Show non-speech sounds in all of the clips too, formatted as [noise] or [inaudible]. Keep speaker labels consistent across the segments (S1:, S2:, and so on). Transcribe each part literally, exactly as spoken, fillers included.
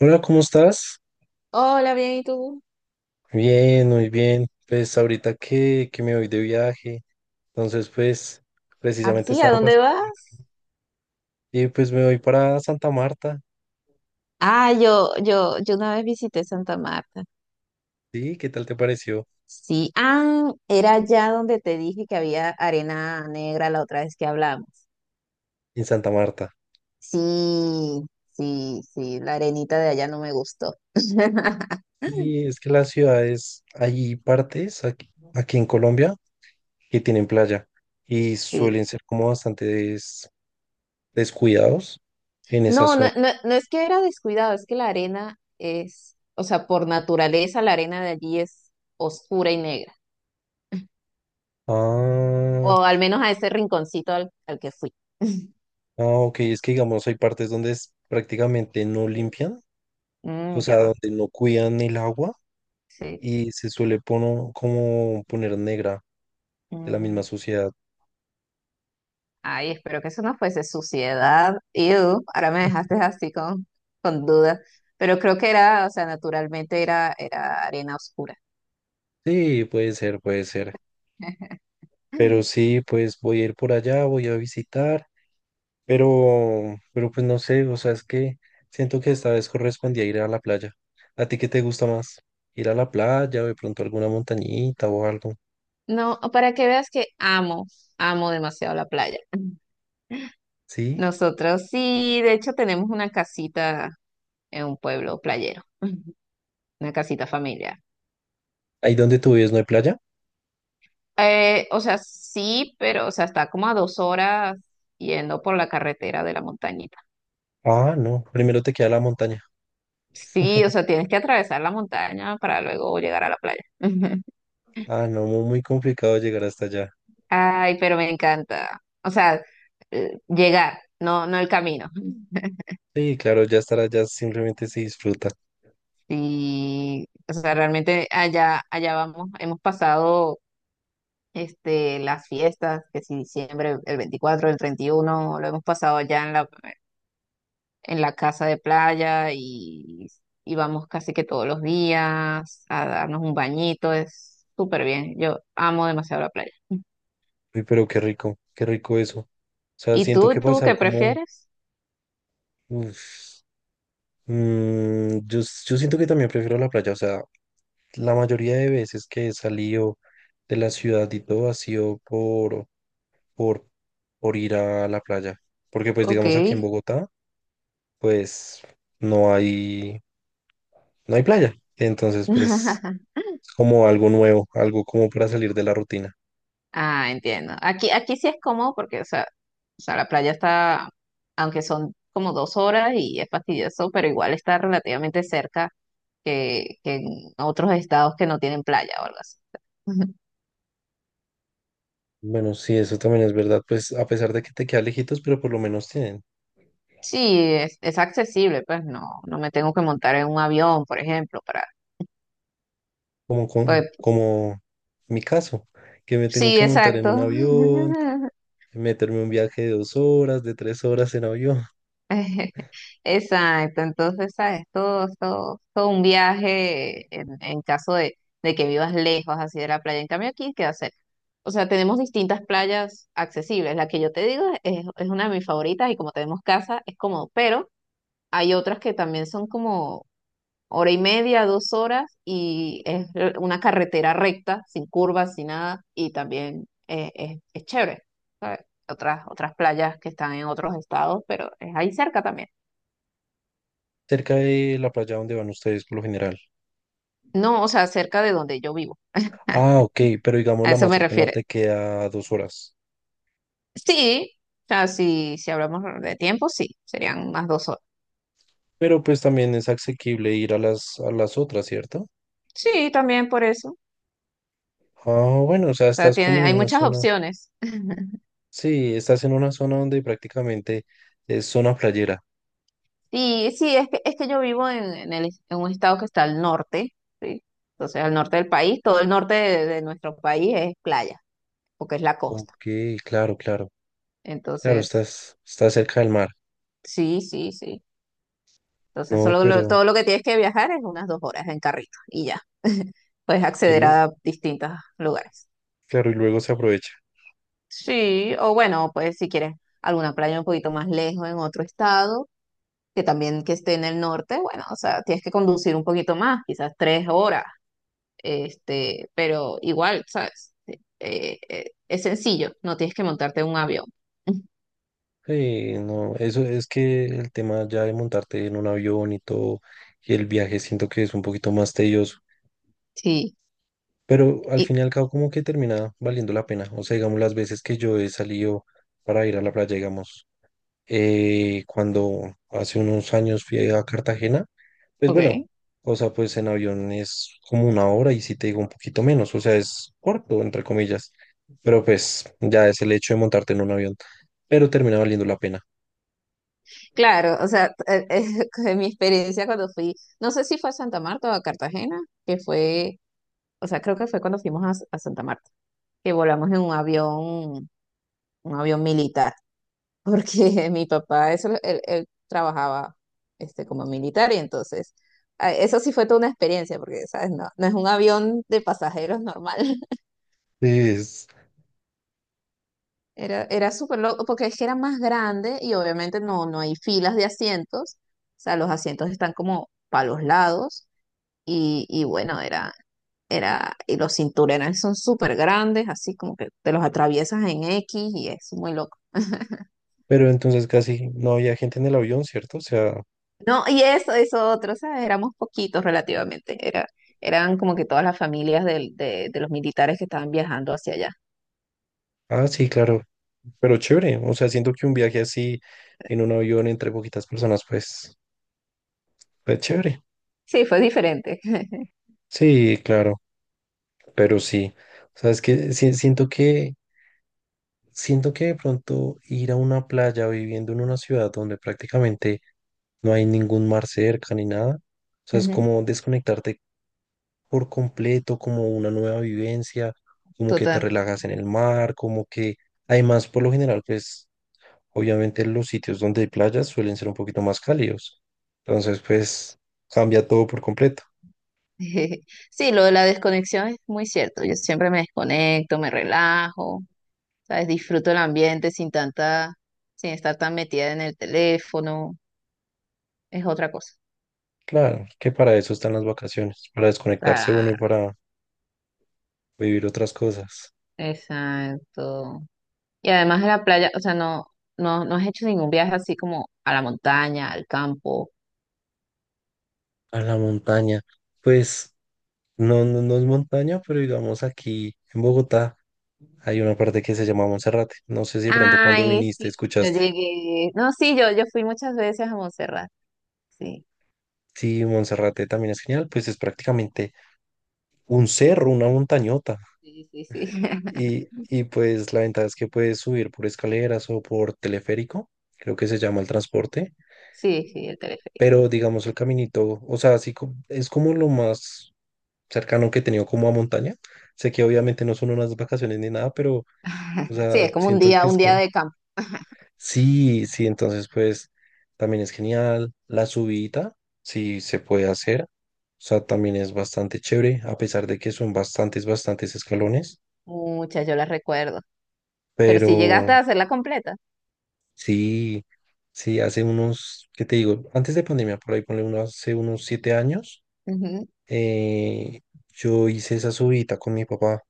S1: Hola, ¿cómo estás?
S2: Hola, bien, ¿y tú?
S1: Bien, muy bien. Pues ahorita que, que me voy de viaje, entonces pues precisamente
S2: ¿Así? ¿A
S1: estaba
S2: dónde
S1: pasando
S2: vas?
S1: y pues me voy para Santa Marta.
S2: Ah, yo, yo, yo una vez visité Santa Marta.
S1: ¿Sí? ¿Qué tal te pareció
S2: Sí, ah, era allá donde te dije que había arena negra la otra vez que hablamos.
S1: en Santa Marta?
S2: Sí, sí, sí, la arenita de allá no me gustó. [laughs]
S1: Sí, es que las ciudades, hay partes aquí, aquí en Colombia que tienen playa y
S2: Sí.
S1: suelen ser como bastante des- descuidados en esa
S2: No, no,
S1: zona.
S2: no, no es que era descuidado, es que la arena es, o sea, por naturaleza la arena de allí es oscura y negra,
S1: Ah,
S2: o al menos a ese rinconcito al, al que fui. [laughs]
S1: ah, ok, es que digamos hay partes donde es- prácticamente no limpian, o
S2: Mm, qué
S1: sea,
S2: raro.
S1: donde no cuidan el agua
S2: Sí.
S1: y se suele pono- como poner negra de la misma
S2: Mm.
S1: sociedad.
S2: Ay, espero que eso no fuese suciedad. Ew, ahora me dejaste así con, con dudas. Pero creo que era, o sea, naturalmente era, era arena oscura.
S1: Sí, puede ser, puede ser.
S2: [laughs]
S1: Pero sí, pues voy a ir por allá, voy a visitar, pero, pero pues no sé, o sea, es que siento que esta vez correspondía ir a la playa. ¿A ti qué te gusta más? ¿Ir a la playa o de pronto alguna montañita o algo?
S2: No, para que veas que amo, amo demasiado la playa. [laughs]
S1: ¿Sí?
S2: Nosotros sí, de hecho tenemos una casita en un pueblo playero, [laughs] una casita familiar.
S1: ¿Ahí donde tú vives no hay playa?
S2: Eh, o sea, sí, pero o sea, está como a dos horas yendo por la carretera de la montañita.
S1: Ah, no, primero te queda la montaña.
S2: Sí, o sea, tienes que atravesar la montaña para luego llegar a la playa. [laughs]
S1: Ah, no, muy, muy complicado llegar hasta allá.
S2: Ay, pero me encanta. O sea, eh, llegar, no, no el camino.
S1: Sí, claro, ya estar allá simplemente se disfruta.
S2: Sí, o sea, realmente allá, allá vamos, hemos pasado este, las fiestas, que si diciembre, el veinticuatro, el treinta y uno lo hemos pasado allá en la, en la casa de playa y, y vamos casi que todos los días a darnos un bañito, es súper bien. Yo amo demasiado la playa.
S1: Uy, pero qué rico, qué rico eso. O sea,
S2: ¿Y
S1: siento
S2: tú,
S1: que
S2: tú
S1: pasar
S2: qué
S1: como
S2: prefieres?
S1: uf. Mm, yo, yo siento que también prefiero la playa. O sea, la mayoría de veces que he salido de la ciudad y todo ha sido por, por, por ir a la playa. Porque pues
S2: Ok.
S1: digamos aquí en Bogotá, pues no hay, no hay playa. Entonces, pues
S2: [laughs]
S1: es como algo nuevo, algo como para salir de la rutina.
S2: Ah, entiendo. Aquí, aquí sí es cómodo porque, o sea, o sea, la playa está, aunque son como dos horas y es fastidioso, pero igual está relativamente cerca que, que en otros estados que no tienen playa o algo así. [laughs]
S1: Bueno, sí, eso también es verdad, pues a pesar de que te queda lejitos, pero por lo menos tienen,
S2: Sí, es, es accesible, pues no, no me tengo que montar en un avión, por ejemplo, para,
S1: como, como,
S2: pues
S1: como mi caso, que me tengo
S2: sí,
S1: que montar en
S2: exacto.
S1: un avión,
S2: [laughs]
S1: meterme un viaje de dos horas, de tres horas en avión, [laughs]
S2: [laughs] Exacto, entonces, ¿sabes? Todo, todo, todo un viaje en, en caso de, de que vivas lejos así de la playa. En cambio, aquí queda cerca. O sea, tenemos distintas playas accesibles. La que yo te digo es, es una de mis favoritas y como tenemos casa, es cómodo. Pero hay otras que también son como hora y media, dos horas y es una carretera recta, sin curvas, sin nada. Y también eh, es, es chévere, ¿sabes? Otras, otras playas que están en otros estados, pero es ahí cerca también.
S1: cerca de la playa donde van ustedes por lo general.
S2: No, o sea, cerca de donde yo vivo. Ah,
S1: Ah, ok, pero digamos
S2: a
S1: la
S2: eso
S1: más
S2: me
S1: cercana
S2: refiero.
S1: te queda dos horas,
S2: Sí, o sea, si, si hablamos de tiempo, sí, serían más dos horas.
S1: pero pues también es asequible ir a las, a las otras, ¿cierto?
S2: Sí, también por eso. O
S1: Ah, bueno, o sea,
S2: sea,
S1: estás como
S2: tiene,
S1: en
S2: hay
S1: una
S2: muchas
S1: zona,
S2: opciones. [laughs]
S1: sí, estás en una zona donde prácticamente es zona playera.
S2: Sí, sí, es que, es que yo vivo en, en el, en un estado que está al norte, ¿sí? Entonces, al norte del país, todo el norte de, de nuestro país es playa, porque es la costa.
S1: Ok, claro, claro. Claro,
S2: Entonces,
S1: estás, estás cerca del mar.
S2: sí, sí, sí. Entonces,
S1: No,
S2: solo lo-
S1: pero.
S2: todo lo que tienes que viajar es unas dos horas en carrito y ya, puedes
S1: Y
S2: acceder
S1: lue-
S2: a distintos lugares.
S1: claro, y luego se aprovecha.
S2: Sí, o bueno, pues si quieres alguna playa un poquito más lejos en otro estado, que también que esté en el norte, bueno, o sea, tienes que conducir un poquito más, quizás tres horas, este, pero igual, ¿sabes? Eh, eh, es sencillo, no tienes que montarte en un avión. [laughs]
S1: Sí, no, eso es que el tema ya de montarte en un avión y todo, y el viaje siento que es un poquito más tedioso,
S2: Sí,
S1: pero al
S2: y
S1: fin y al cabo como que termina valiendo la pena. O sea, digamos, las veces que yo he salido para ir a la playa, digamos, eh, cuando hace unos años fui a Cartagena, pues bueno,
S2: ok,
S1: o sea, pues en avión es como una hora y si te digo un poquito menos, o sea, es corto, entre comillas, pero pues ya es el hecho de montarte en un avión, pero termina valiendo la pena.
S2: claro, o sea, eh, eh, [laughs] de mi experiencia cuando fui, no sé si fue a Santa Marta o a Cartagena, que fue, o sea, creo que fue cuando fuimos a, a Santa Marta, que volamos en un avión, un avión militar. Porque [laughs] mi papá, eso, él, él trabajaba este, como militar y entonces, ah, eso sí fue toda una experiencia, porque, ¿sabes? No, no es un avión de pasajeros normal. [laughs]
S1: Es-
S2: Era, era súper loco, porque es que era más grande y obviamente no, no hay filas de asientos, o sea, los asientos están como para los lados y, y bueno, era, era, y los cinturones son súper grandes, así como que te los atraviesas en X y es muy loco.
S1: pero entonces casi no había gente en el avión, ¿cierto? O sea,
S2: No, y eso, eso otro, ¿sabes? Éramos poquitos relativamente. Era, eran como que todas las familias del- de, de los militares que estaban viajando hacia allá.
S1: ah, sí, claro, pero chévere, o sea, siento que un viaje así en un avión entre poquitas personas, pues, pues chévere.
S2: Sí, fue diferente. [laughs]
S1: Sí, claro, pero sí. O sea, es que si- siento que Siento que de pronto ir a una playa viviendo en una ciudad donde prácticamente no hay ningún mar cerca ni nada, o sea, es
S2: Ujú,
S1: como desconectarte por completo, como una nueva vivencia, como que te
S2: total.
S1: relajas en el mar, como que además por lo general, pues obviamente los sitios donde hay playas suelen ser un poquito más cálidos, entonces pues cambia todo por completo.
S2: [laughs] Sí, lo de la desconexión es muy cierto. Yo siempre me desconecto, me relajo, ¿sabes? Disfruto el ambiente sin tanta, sin estar tan metida en el teléfono. Es otra cosa.
S1: Claro, que para eso están las vacaciones, para desconectarse uno y
S2: Claro,
S1: para vivir otras cosas.
S2: exacto. Y además de la playa, o sea, no, no, no has hecho ningún viaje así como a la montaña, al campo.
S1: A la montaña, pues. No, no, no es montaña, pero digamos aquí en Bogotá hay una parte que se llama Monserrate. No sé si de pronto cuando
S2: Ay,
S1: viniste
S2: sí, yo
S1: escuchaste.
S2: llegué. No, sí, yo, yo fui muchas veces a Montserrat. Sí,
S1: Sí, Monserrate también es genial, pues es prácticamente un cerro, una montañota.
S2: sí, sí, sí. [laughs]
S1: Y, y pues la ventaja es que puedes subir por escaleras o por teleférico, creo que se llama el transporte,
S2: Sí, sí, el teleférico.
S1: pero digamos el caminito, o sea, así co- es como lo más cercano que he tenido como a montaña. Sé que obviamente no son unas vacaciones ni nada, pero, o
S2: [laughs] Sí,
S1: sea,
S2: es como un
S1: siento
S2: día,
S1: que
S2: un
S1: es
S2: día
S1: como.
S2: de campo. [laughs]
S1: Sí, sí, entonces pues también es genial. La subida, sí se puede hacer. O sea, también es bastante chévere, a pesar de que son bastantes, bastantes escalones.
S2: Muchas, yo las recuerdo. Pero sí llegaste
S1: Pero
S2: a hacerla completa.
S1: sí, sí, hace unos, ¿qué te digo? Antes de pandemia, por ahí ponle uno, hace unos siete años,
S2: Ujú.
S1: eh, yo hice esa subida con mi papá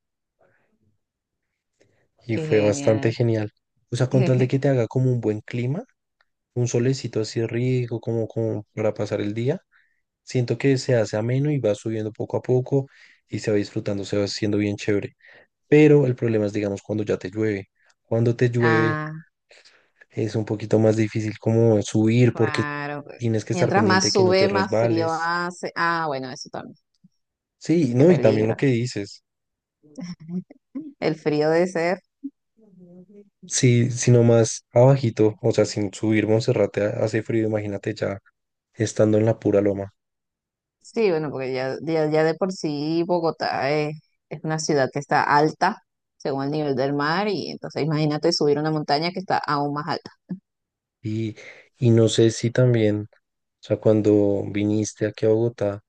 S1: y
S2: Qué
S1: fue bastante
S2: genial.
S1: genial. O sea, con tal de
S2: [laughs]
S1: que te haga como un buen clima, un solecito así rico, como, como para pasar el día. Siento que se hace ameno y va subiendo poco a poco y se va disfrutando, se va haciendo bien chévere. Pero el problema es, digamos, cuando ya te llueve. Cuando te llueve
S2: Ah,
S1: es un poquito más difícil como subir porque
S2: claro, pues.
S1: tienes que estar
S2: Mientras
S1: pendiente de
S2: más
S1: que no te
S2: sube, más frío
S1: resbales.
S2: hace. Ah, bueno, eso también.
S1: Sí,
S2: Qué
S1: no, y también lo
S2: peligro.
S1: que dices,
S2: [laughs] El frío de ese.
S1: sí, sino más abajito, o sea, sin subir Monserrate ha- hace frío, imagínate ya estando en la pura loma.
S2: Sí, bueno, porque ya, ya, ya de por sí Bogotá es, es una ciudad que está alta según el nivel del mar y entonces imagínate subir una montaña que está aún más alta.
S1: Y, y no sé si también, o sea, cuando viniste aquí a Bogotá,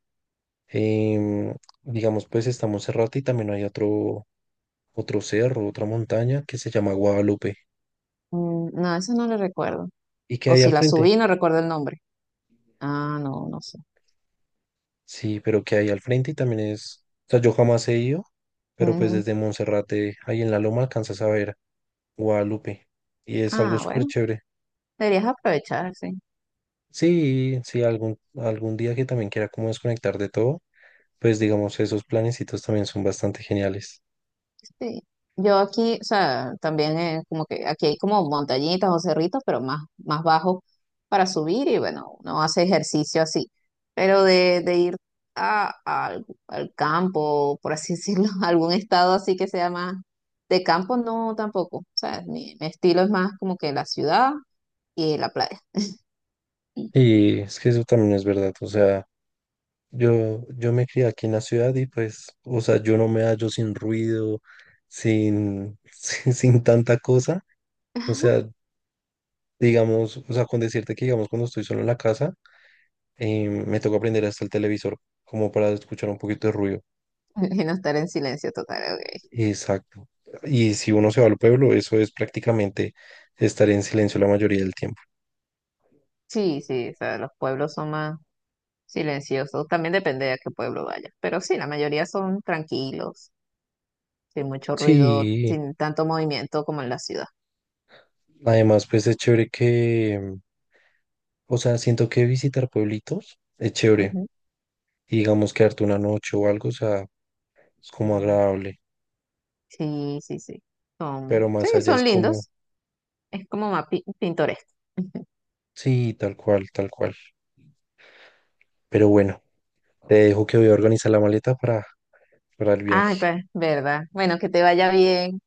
S1: Em, digamos, pues estamos Monserrate y también hay otro, otro cerro, otra montaña que se llama Guadalupe.
S2: Mm, no, eso no lo recuerdo.
S1: ¿Y qué
S2: O
S1: hay
S2: si
S1: al
S2: la
S1: frente?
S2: subí, no recuerdo el nombre. Ah, no, no sé.
S1: Sí, pero ¿qué hay al frente? Y también es, o sea, yo jamás he ido, pero pues
S2: Ujú.
S1: desde Monserrate, ahí en la loma, alcanzas a ver Guadalupe. Y es algo
S2: Ah,
S1: súper
S2: bueno,
S1: chévere.
S2: deberías aprovechar, sí.
S1: Sí, sí, algún, algún día que también quiera como desconectar de todo, pues digamos, esos planecitos también son bastante geniales.
S2: Sí. Yo aquí, o sea, también eh, como que aquí hay como montañitas o cerritos, pero más, más bajo para subir y bueno, uno hace ejercicio así. Pero de, de ir a, al, al campo, por así decirlo, [laughs] a algún estado así que sea más de campo, no tampoco. O sea, mi, mi estilo es más como que la ciudad y la playa. Sí.
S1: Y es que eso también es verdad, o sea. Yo, yo me crié aquí en la ciudad y pues, o sea, yo no me hallo sin ruido, sin, [laughs] sin, sin tanta cosa. O
S2: [laughs]
S1: sea, digamos, o sea, con decirte que, digamos, cuando estoy solo en la casa, eh, me toca aprender hasta el televisor como para escuchar un poquito de ruido.
S2: Y no estar en silencio total, ok.
S1: Exacto. Y si uno se va al pueblo, eso es prácticamente estar en silencio la mayoría del tiempo.
S2: Sí, sí, o sea, los pueblos son más silenciosos. También depende de a qué pueblo vayas. Pero sí, la mayoría son tranquilos, sin mucho ruido,
S1: Sí,
S2: sin tanto movimiento como en la ciudad.
S1: además, pues es chévere que, mm, o sea, siento que visitar pueblitos es chévere.
S2: Ujú.
S1: Y digamos, quedarte una noche o algo, o sea es como agradable,
S2: Sí, sí, sí.
S1: pero
S2: Son, sí,
S1: más allá es
S2: son
S1: como,
S2: lindos. Es como más pi- pintoresco. [laughs]
S1: sí, tal cual, tal cual. Pero bueno, te dejo que voy a organizar la maleta para, para el
S2: Ay,
S1: viaje.
S2: pues, verdad. Bueno, que te vaya bien.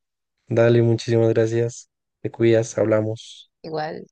S1: Dale, muchísimas gracias. Te cuidas, hablamos.
S2: Igual.